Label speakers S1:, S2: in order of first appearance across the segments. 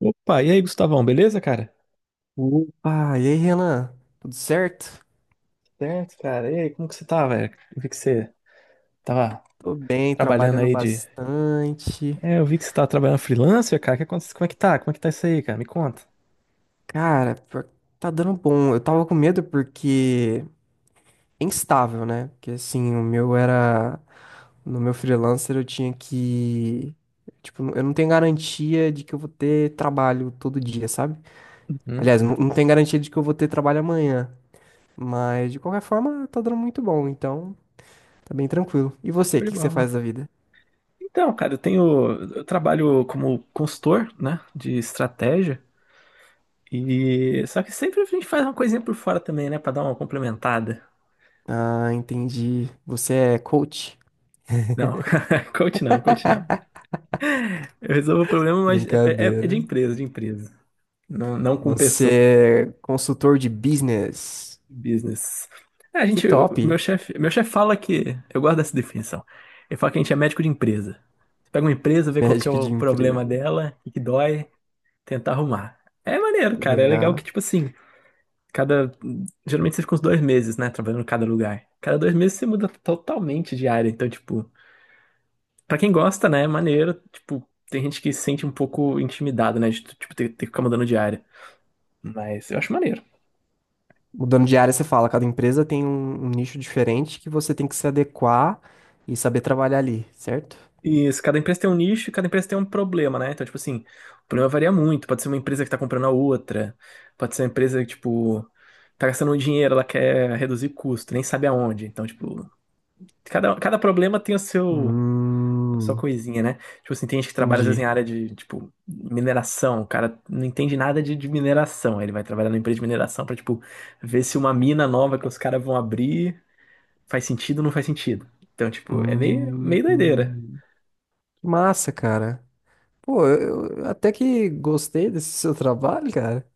S1: Opa, e aí, Gustavão, beleza, cara?
S2: Opa, e aí, Renan? Tudo certo?
S1: Certo, cara. E aí, como que você tá, velho? Eu vi que você tava
S2: Tô bem,
S1: trabalhando
S2: trabalhando
S1: aí de.
S2: bastante.
S1: É, eu vi que você tava trabalhando freelancer, cara. Que acontece? Como é que tá? Como é que tá isso aí, cara? Me conta.
S2: Cara, pior que tá dando bom. Eu tava com medo porque é instável, né? Porque assim, o meu era. No meu freelancer eu tinha que. Tipo, eu não tenho garantia de que eu vou ter trabalho todo dia, sabe?
S1: Hum?
S2: Aliás, não tenho garantia de que eu vou ter trabalho amanhã. Mas de qualquer forma, tá dando muito bom, então tá bem tranquilo. E você, o
S1: Show de
S2: que que você faz da
S1: bola.
S2: vida?
S1: Então, cara, eu tenho. Eu trabalho como consultor, né? De estratégia. E. Só que sempre a gente faz uma coisinha por fora também, né? Pra dar uma complementada.
S2: Ah, entendi. Você é coach?
S1: Não, coach não, coach não. Eu resolvo o problema, mas é de
S2: Brincadeira.
S1: empresa, de empresa. Não, não com pessoas.
S2: Você é consultor de business.
S1: Business. É, a
S2: Que
S1: gente,
S2: top.
S1: meu chefe fala que, eu gosto dessa definição. Ele fala que a gente é médico de empresa. Você pega uma empresa, vê qual que é
S2: Médico
S1: o
S2: de empresa.
S1: problema dela, o que que dói, tentar arrumar. É maneiro, cara. É legal que,
S2: Legal.
S1: tipo assim, cada. Geralmente você fica uns 2 meses, né? Trabalhando em cada lugar. Cada 2 meses você muda totalmente de área. Então, tipo, pra quem gosta, né? É maneiro. Tipo, tem gente que se sente um pouco intimidada, né? De, tipo, ter que ficar mudando de área. Mas eu acho maneiro.
S2: Mudando de área, você fala, cada empresa tem um nicho diferente que você tem que se adequar e saber trabalhar ali, certo?
S1: Isso, cada empresa tem um nicho e cada empresa tem um problema, né? Então, tipo assim, o problema varia muito. Pode ser uma empresa que tá comprando a outra, pode ser uma empresa que, tipo, tá gastando um dinheiro, ela quer reduzir custo, nem sabe aonde. Então, tipo, cada problema tem o seu, a sua
S2: Hum,
S1: coisinha, né? Tipo assim, tem gente que trabalha às vezes
S2: entendi.
S1: em área de, tipo, mineração, o cara não entende nada de mineração. Aí ele vai trabalhar numa empresa de mineração pra, tipo, ver se uma mina nova que os caras vão abrir faz sentido ou não faz sentido. Então, tipo, é meio doideira.
S2: Hum, que massa, cara. Pô, eu até que gostei desse seu trabalho, cara.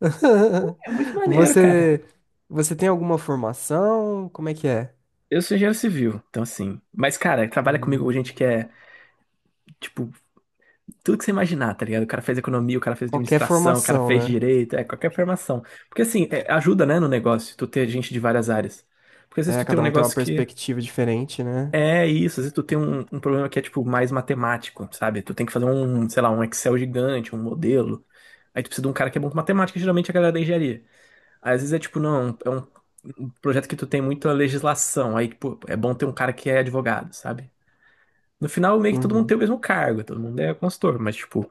S1: É muito maneiro, cara.
S2: Você, você tem alguma formação? Como é que é?
S1: Eu sou engenheiro civil, então assim. Mas, cara, trabalha comigo gente
S2: Hum.
S1: que é, tipo, tudo que você imaginar, tá ligado? O cara fez economia, o cara fez
S2: Qualquer
S1: administração, o cara
S2: formação,
S1: fez
S2: né?
S1: direito, é qualquer formação. Porque, assim, é, ajuda, né, no negócio, tu ter gente de várias áreas. Porque às vezes
S2: É,
S1: tu tem um
S2: cada um tem uma
S1: negócio que
S2: perspectiva diferente, né?
S1: é isso, às vezes tu tem um problema que é, tipo, mais matemático, sabe? Tu tem que fazer um, sei lá, um Excel gigante, um modelo. Aí tu precisa de um cara que é bom com matemática, geralmente é a galera da engenharia. Aí, às vezes é, tipo, não, é um projeto que tu tem muita legislação, aí, tipo, é bom ter um cara que é advogado, sabe? No final, meio que todo mundo
S2: Uhum.
S1: tem o mesmo cargo, todo mundo é consultor, mas, tipo,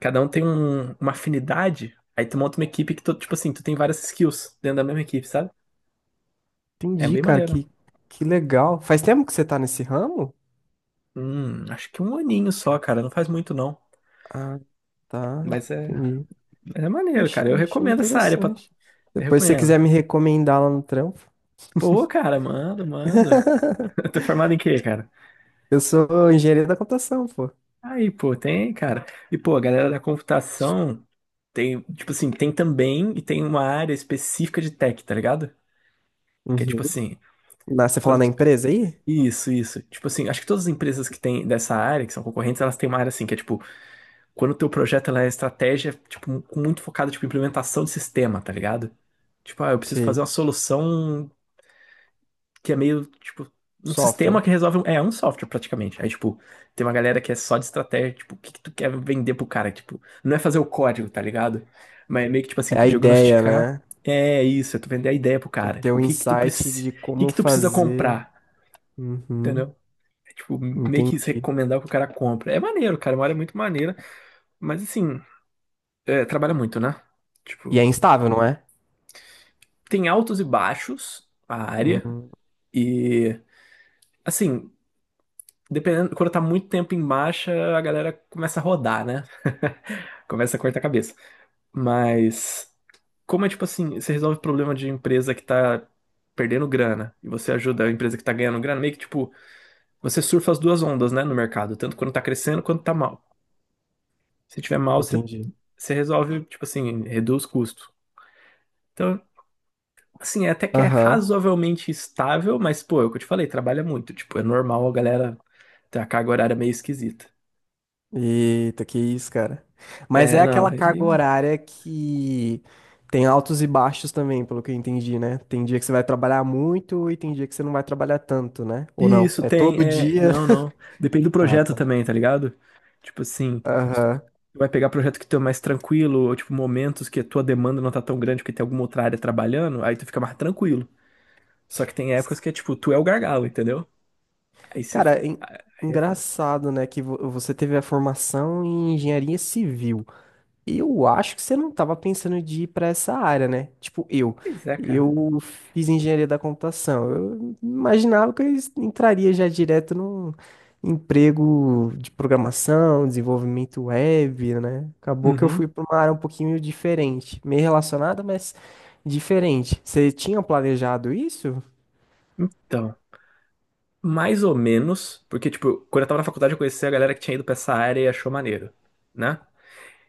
S1: cada um tem uma afinidade. Aí tu monta uma equipe que, tu, tipo assim, tu tem várias skills dentro da mesma equipe, sabe? É
S2: Entendi,
S1: bem
S2: cara,
S1: maneiro.
S2: que, que legal. Faz tempo que você tá nesse ramo?
S1: Acho que um aninho só, cara, não faz muito não.
S2: Ah, tá,
S1: Mas é,
S2: entendi.
S1: é maneiro, cara. Eu
S2: Achei
S1: recomendo essa área, pra.
S2: interessante.
S1: Eu
S2: Depois, se você
S1: recomendo.
S2: quiser me recomendar lá no trampo,
S1: Pô, cara, manda, manda. Tô formado em quê, cara?
S2: eu sou engenheiro da computação, pô.
S1: Aí, pô, tem, cara. E, pô, a galera da computação tem, tipo assim, tem também e tem uma área específica de tech, tá ligado? Que é tipo
S2: Uhum.
S1: assim,
S2: Na, você fala
S1: quando
S2: na
S1: tu,
S2: empresa aí?
S1: isso, isso. Tipo assim, acho que todas as empresas que têm dessa área, que são concorrentes, elas têm uma área assim, que é tipo, quando o teu projeto ela é estratégia, tipo, muito focada, tipo, em implementação de sistema, tá ligado? Tipo, ah, eu preciso fazer
S2: Sim.
S1: uma solução que é meio, tipo, um sistema que
S2: Software.
S1: resolve, é um software praticamente. Aí, tipo, tem uma galera que é só de estratégia, tipo, o que que tu quer vender pro cara? Tipo, não é fazer o código, tá ligado? Mas é meio que, tipo assim,
S2: É
S1: tu
S2: a ideia,
S1: diagnosticar,
S2: né?
S1: é isso, é tu vender a ideia pro
S2: Tu
S1: cara.
S2: ter
S1: Tipo,
S2: um
S1: o que que tu
S2: insight
S1: precisa,
S2: de
S1: o que
S2: como
S1: que tu precisa
S2: fazer.
S1: comprar,
S2: Uhum.
S1: entendeu? Tipo, meio que
S2: Entendi.
S1: recomendar que o cara compra. É maneiro, cara. Uma área muito maneira. Mas assim, é, trabalha muito, né?
S2: E é
S1: Tipo,
S2: instável, não é?
S1: tem altos e baixos a área.
S2: Uhum.
S1: E assim, dependendo, quando tá muito tempo em baixa, a galera começa a rodar, né? Começa a cortar a cabeça. Mas como é tipo assim, você resolve o problema de empresa que tá perdendo grana e você ajuda a empresa que tá ganhando grana, meio que tipo, você surfa as duas ondas, né, no mercado, tanto quando tá crescendo quanto tá mal. Se tiver mal, você
S2: Entendi.
S1: você resolve, tipo assim, reduz custo. Então, assim, é até que é
S2: Aham.
S1: razoavelmente estável, mas, pô, é o que eu te falei, trabalha muito. Tipo, é normal a galera ter a carga horária meio esquisita.
S2: Eita, que isso, cara. Mas
S1: É,
S2: é
S1: não,
S2: aquela
S1: aí.
S2: carga horária que tem altos e baixos também, pelo que eu entendi, né? Tem dia que você vai trabalhar muito e tem dia que você não vai trabalhar tanto, né? Ou não?
S1: Isso,
S2: É
S1: tem,
S2: todo
S1: é.
S2: dia.
S1: Não, não. Depende do
S2: Ah,
S1: projeto
S2: tá.
S1: também, tá ligado? Tipo assim, se tu
S2: Aham.
S1: vai pegar projeto que tu é mais tranquilo, ou tipo, momentos que a tua demanda não tá tão grande porque tem alguma outra área trabalhando, aí tu fica mais tranquilo. Só que tem épocas
S2: S-
S1: que é tipo, tu é o gargalo, entendeu? Aí você.
S2: Cara,
S1: Aí é foda.
S2: engraçado, né? Que você teve a formação em engenharia civil. Eu acho que você não estava pensando de ir para essa área, né? Tipo, eu.
S1: Pois é, cara.
S2: Eu fiz engenharia da computação. Eu imaginava que eu entraria já direto num emprego de programação, desenvolvimento web, né? Acabou que eu
S1: Uhum.
S2: fui para uma área um pouquinho diferente, meio relacionada, mas diferente. Você tinha planejado isso?
S1: Então. Mais ou menos, porque, tipo, quando eu tava na faculdade eu conheci a galera que tinha ido pra essa área e achou maneiro, né?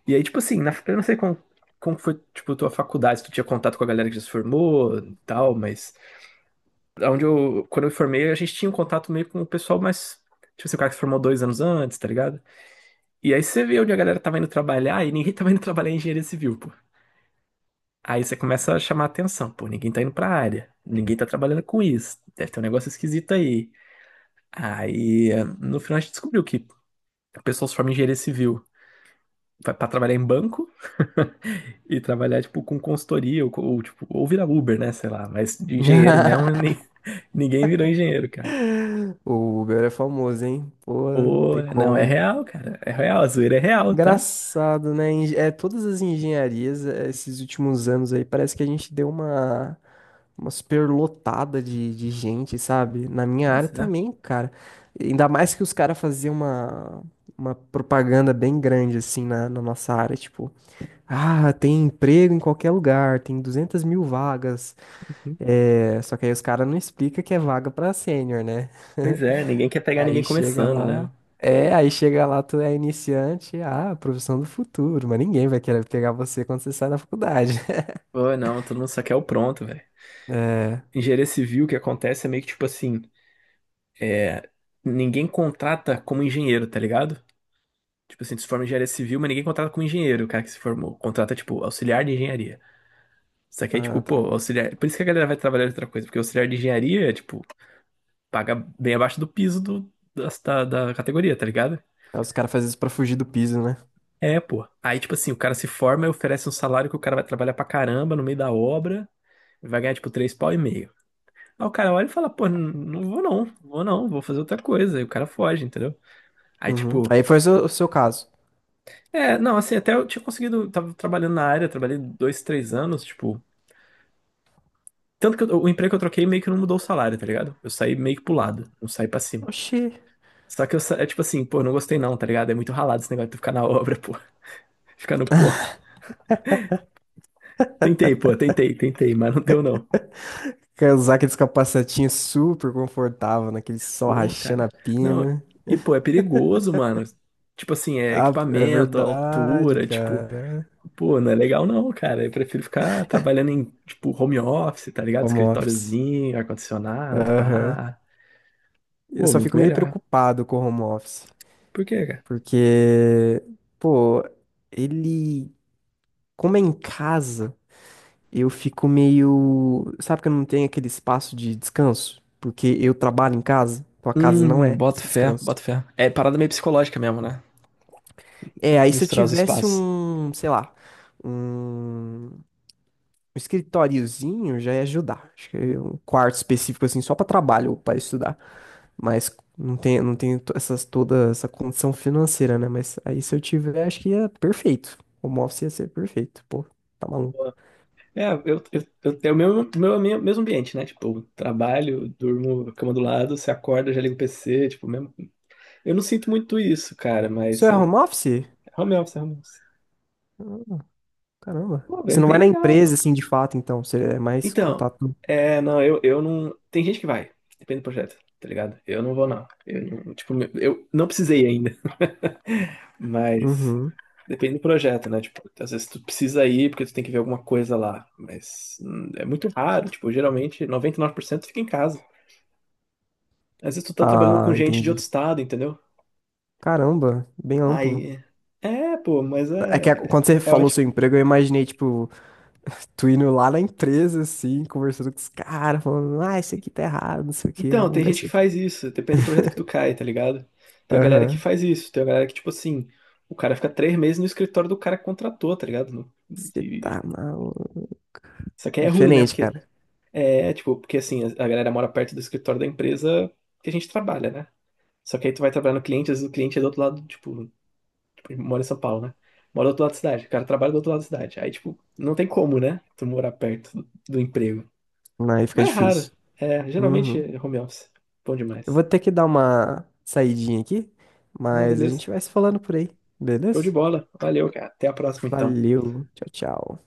S1: E aí, tipo assim, na, eu não sei como foi, tipo, tua faculdade, se tu tinha contato com a galera que já se formou e tal, mas onde eu, quando eu me formei, a gente tinha um contato meio com o pessoal mais, tipo assim, o cara que se formou 2 anos antes, tá ligado? E aí você vê onde a galera tava indo trabalhar e ninguém tava indo trabalhar em engenharia civil, pô. Aí você começa a chamar atenção, pô, ninguém tá indo pra área, ninguém tá trabalhando com isso, deve ter um negócio esquisito aí. Aí, no final a gente descobriu que o pessoal se forma em engenharia civil para trabalhar em banco e trabalhar, tipo, com consultoria ou, tipo, ou virar Uber, né? Sei lá. Mas de engenheiro mesmo, ninguém virou engenheiro, cara.
S2: O Uber é famoso, hein? Pô,
S1: Pô,
S2: tem
S1: não, é
S2: como.
S1: real, cara. É real, a zoeira é real, tá?
S2: Engraçado, né? É, todas as engenharias, é, esses últimos anos aí, parece que a gente deu uma superlotada de gente, sabe? Na minha área
S1: Pois é.
S2: também, cara. Ainda mais que os caras faziam uma propaganda bem grande, assim, na nossa área. Tipo, ah, tem emprego em qualquer lugar, tem 200 mil vagas.
S1: Uhum.
S2: É, só que aí os caras não explicam que é vaga pra sênior, né?
S1: Pois é, ninguém quer pegar ninguém
S2: Aí chega
S1: começando, né?
S2: lá. É, aí chega lá, tu é iniciante, ah, profissão do futuro, mas ninguém vai querer pegar você quando você sai da faculdade.
S1: Pô, não, todo mundo só quer o pronto, velho.
S2: É.
S1: Engenharia civil, o que acontece é meio que tipo assim, ninguém contrata como engenheiro, tá ligado? Tipo assim, tu se forma em engenharia civil, mas ninguém contrata como engenheiro, o cara que se formou. Contrata, tipo, auxiliar de engenharia. Isso aqui é tipo,
S2: Ah, tá.
S1: pô, auxiliar. Por isso que a galera vai trabalhar em outra coisa, porque auxiliar de engenharia, tipo, paga bem abaixo do piso do, da, da categoria, tá ligado?
S2: Aí Os caras fazem isso pra fugir do piso, né?
S1: É, pô. Aí, tipo assim, o cara se forma e oferece um salário que o cara vai trabalhar pra caramba no meio da obra, vai ganhar, tipo, três pau e meio. Aí o cara olha e fala, pô, não vou não, vou não, vou fazer outra coisa. E o cara foge, entendeu? Aí,
S2: Uhum.
S1: tipo,
S2: Aí foi o seu caso.
S1: é, não, assim, até eu tinha conseguido, tava trabalhando na área, trabalhei dois, três anos, tipo. Tanto que o emprego que eu troquei meio que não mudou o salário, tá ligado? Eu saí meio que pro lado, não saí pra cima.
S2: Oxi.
S1: Só que eu, é tipo assim, pô, não gostei não, tá ligado? É muito ralado esse negócio de tu ficar na obra, pô. Ficar no pô. Tentei, pô, tentei, mas não deu não.
S2: Quer usar aqueles capacetinhos super confortável, naquele sol
S1: Pô,
S2: rachando
S1: cara.
S2: a
S1: Não,
S2: pina.
S1: e pô, é perigoso, mano. Tipo assim, é
S2: Ah, é
S1: equipamento,
S2: verdade,
S1: altura, tipo,
S2: cara.
S1: pô, não é legal não, cara. Eu prefiro ficar trabalhando em, tipo, home office, tá ligado?
S2: Home office.
S1: Escritóriozinho, ar-condicionado,
S2: Aham.
S1: pá.
S2: Eu
S1: Pô,
S2: só
S1: muito
S2: fico meio
S1: melhor.
S2: preocupado com o home office.
S1: Por quê, cara?
S2: Porque, pô, ele. Como é em casa, eu fico meio. Sabe que eu não tenho aquele espaço de descanso? Porque eu trabalho em casa, então a casa não é
S1: Boto fé,
S2: descanso.
S1: boto fé. É parada meio psicológica mesmo, né?
S2: É,
S1: De
S2: aí se eu
S1: misturar os
S2: tivesse
S1: espaços.
S2: um, sei lá, um um escritóriozinho já ia ajudar. Acho que um quarto específico assim só para trabalho ou para estudar, mas não tem, essas toda essa condição financeira, né? Mas aí se eu tiver, acho que ia perfeito. Home office ia ser perfeito. Pô, tá maluco.
S1: É, eu tenho o meu, mesmo ambiente, né? Tipo, trabalho, durmo, cama do lado, você acorda, já liga o PC, tipo, mesmo. Eu não sinto muito isso, cara,
S2: O seu
S1: mas
S2: é home office?
S1: home office, home office.
S2: Caramba.
S1: Pô,
S2: Você
S1: bem,
S2: não
S1: bem
S2: vai na
S1: legal, pô.
S2: empresa, assim, de fato, então. Você é mais
S1: Então,
S2: contato.
S1: é, não, eu não. Tem gente que vai, depende do projeto, tá ligado? Eu não vou, não. Tipo, eu não precisei ainda, mas
S2: Uhum.
S1: depende do projeto, né? Tipo, às vezes tu precisa ir porque tu tem que ver alguma coisa lá, mas é muito raro, tipo, geralmente 99% fica em casa. Às vezes tu tá trabalhando com
S2: Ah,
S1: gente de outro
S2: entendi.
S1: estado, entendeu?
S2: Caramba, bem amplo.
S1: Aí. É, pô, mas
S2: É que
S1: é.
S2: quando você
S1: É
S2: falou
S1: ótimo.
S2: seu emprego, eu imaginei, tipo, tu indo lá na empresa, assim, conversando com os caras, falando, ah, isso aqui tá errado, não sei o quê,
S1: Então,
S2: vamos
S1: tem
S2: mudar
S1: gente
S2: isso
S1: que
S2: aqui.
S1: faz isso, depende do projeto que tu cai, tá ligado? Tem a galera que
S2: Aham.
S1: faz isso, tem a galera que, tipo assim, o cara fica 3 meses no escritório do cara que contratou, tá ligado?
S2: Você
S1: E...
S2: tá maluco.
S1: Isso aqui é ruim, né?
S2: Diferente,
S1: Porque
S2: cara.
S1: é, tipo, porque assim, a galera mora perto do escritório da empresa que a gente trabalha, né? Só que aí tu vai trabalhar no cliente, às vezes o cliente é do outro lado, tipo, mora em São Paulo, né? Mora do outro lado da cidade. O cara trabalha do outro lado da cidade. Aí, tipo, não tem como, né? Tu morar perto do, emprego.
S2: Aí fica
S1: Mas é raro.
S2: difícil.
S1: É, geralmente
S2: Uhum.
S1: é home office. Bom
S2: Eu
S1: demais.
S2: vou ter que dar uma saidinha aqui,
S1: Ah,
S2: mas a
S1: beleza.
S2: gente vai se falando por aí,
S1: Show de
S2: beleza?
S1: bola. Valeu, cara. Até a próxima, então.
S2: Valeu, tchau, tchau.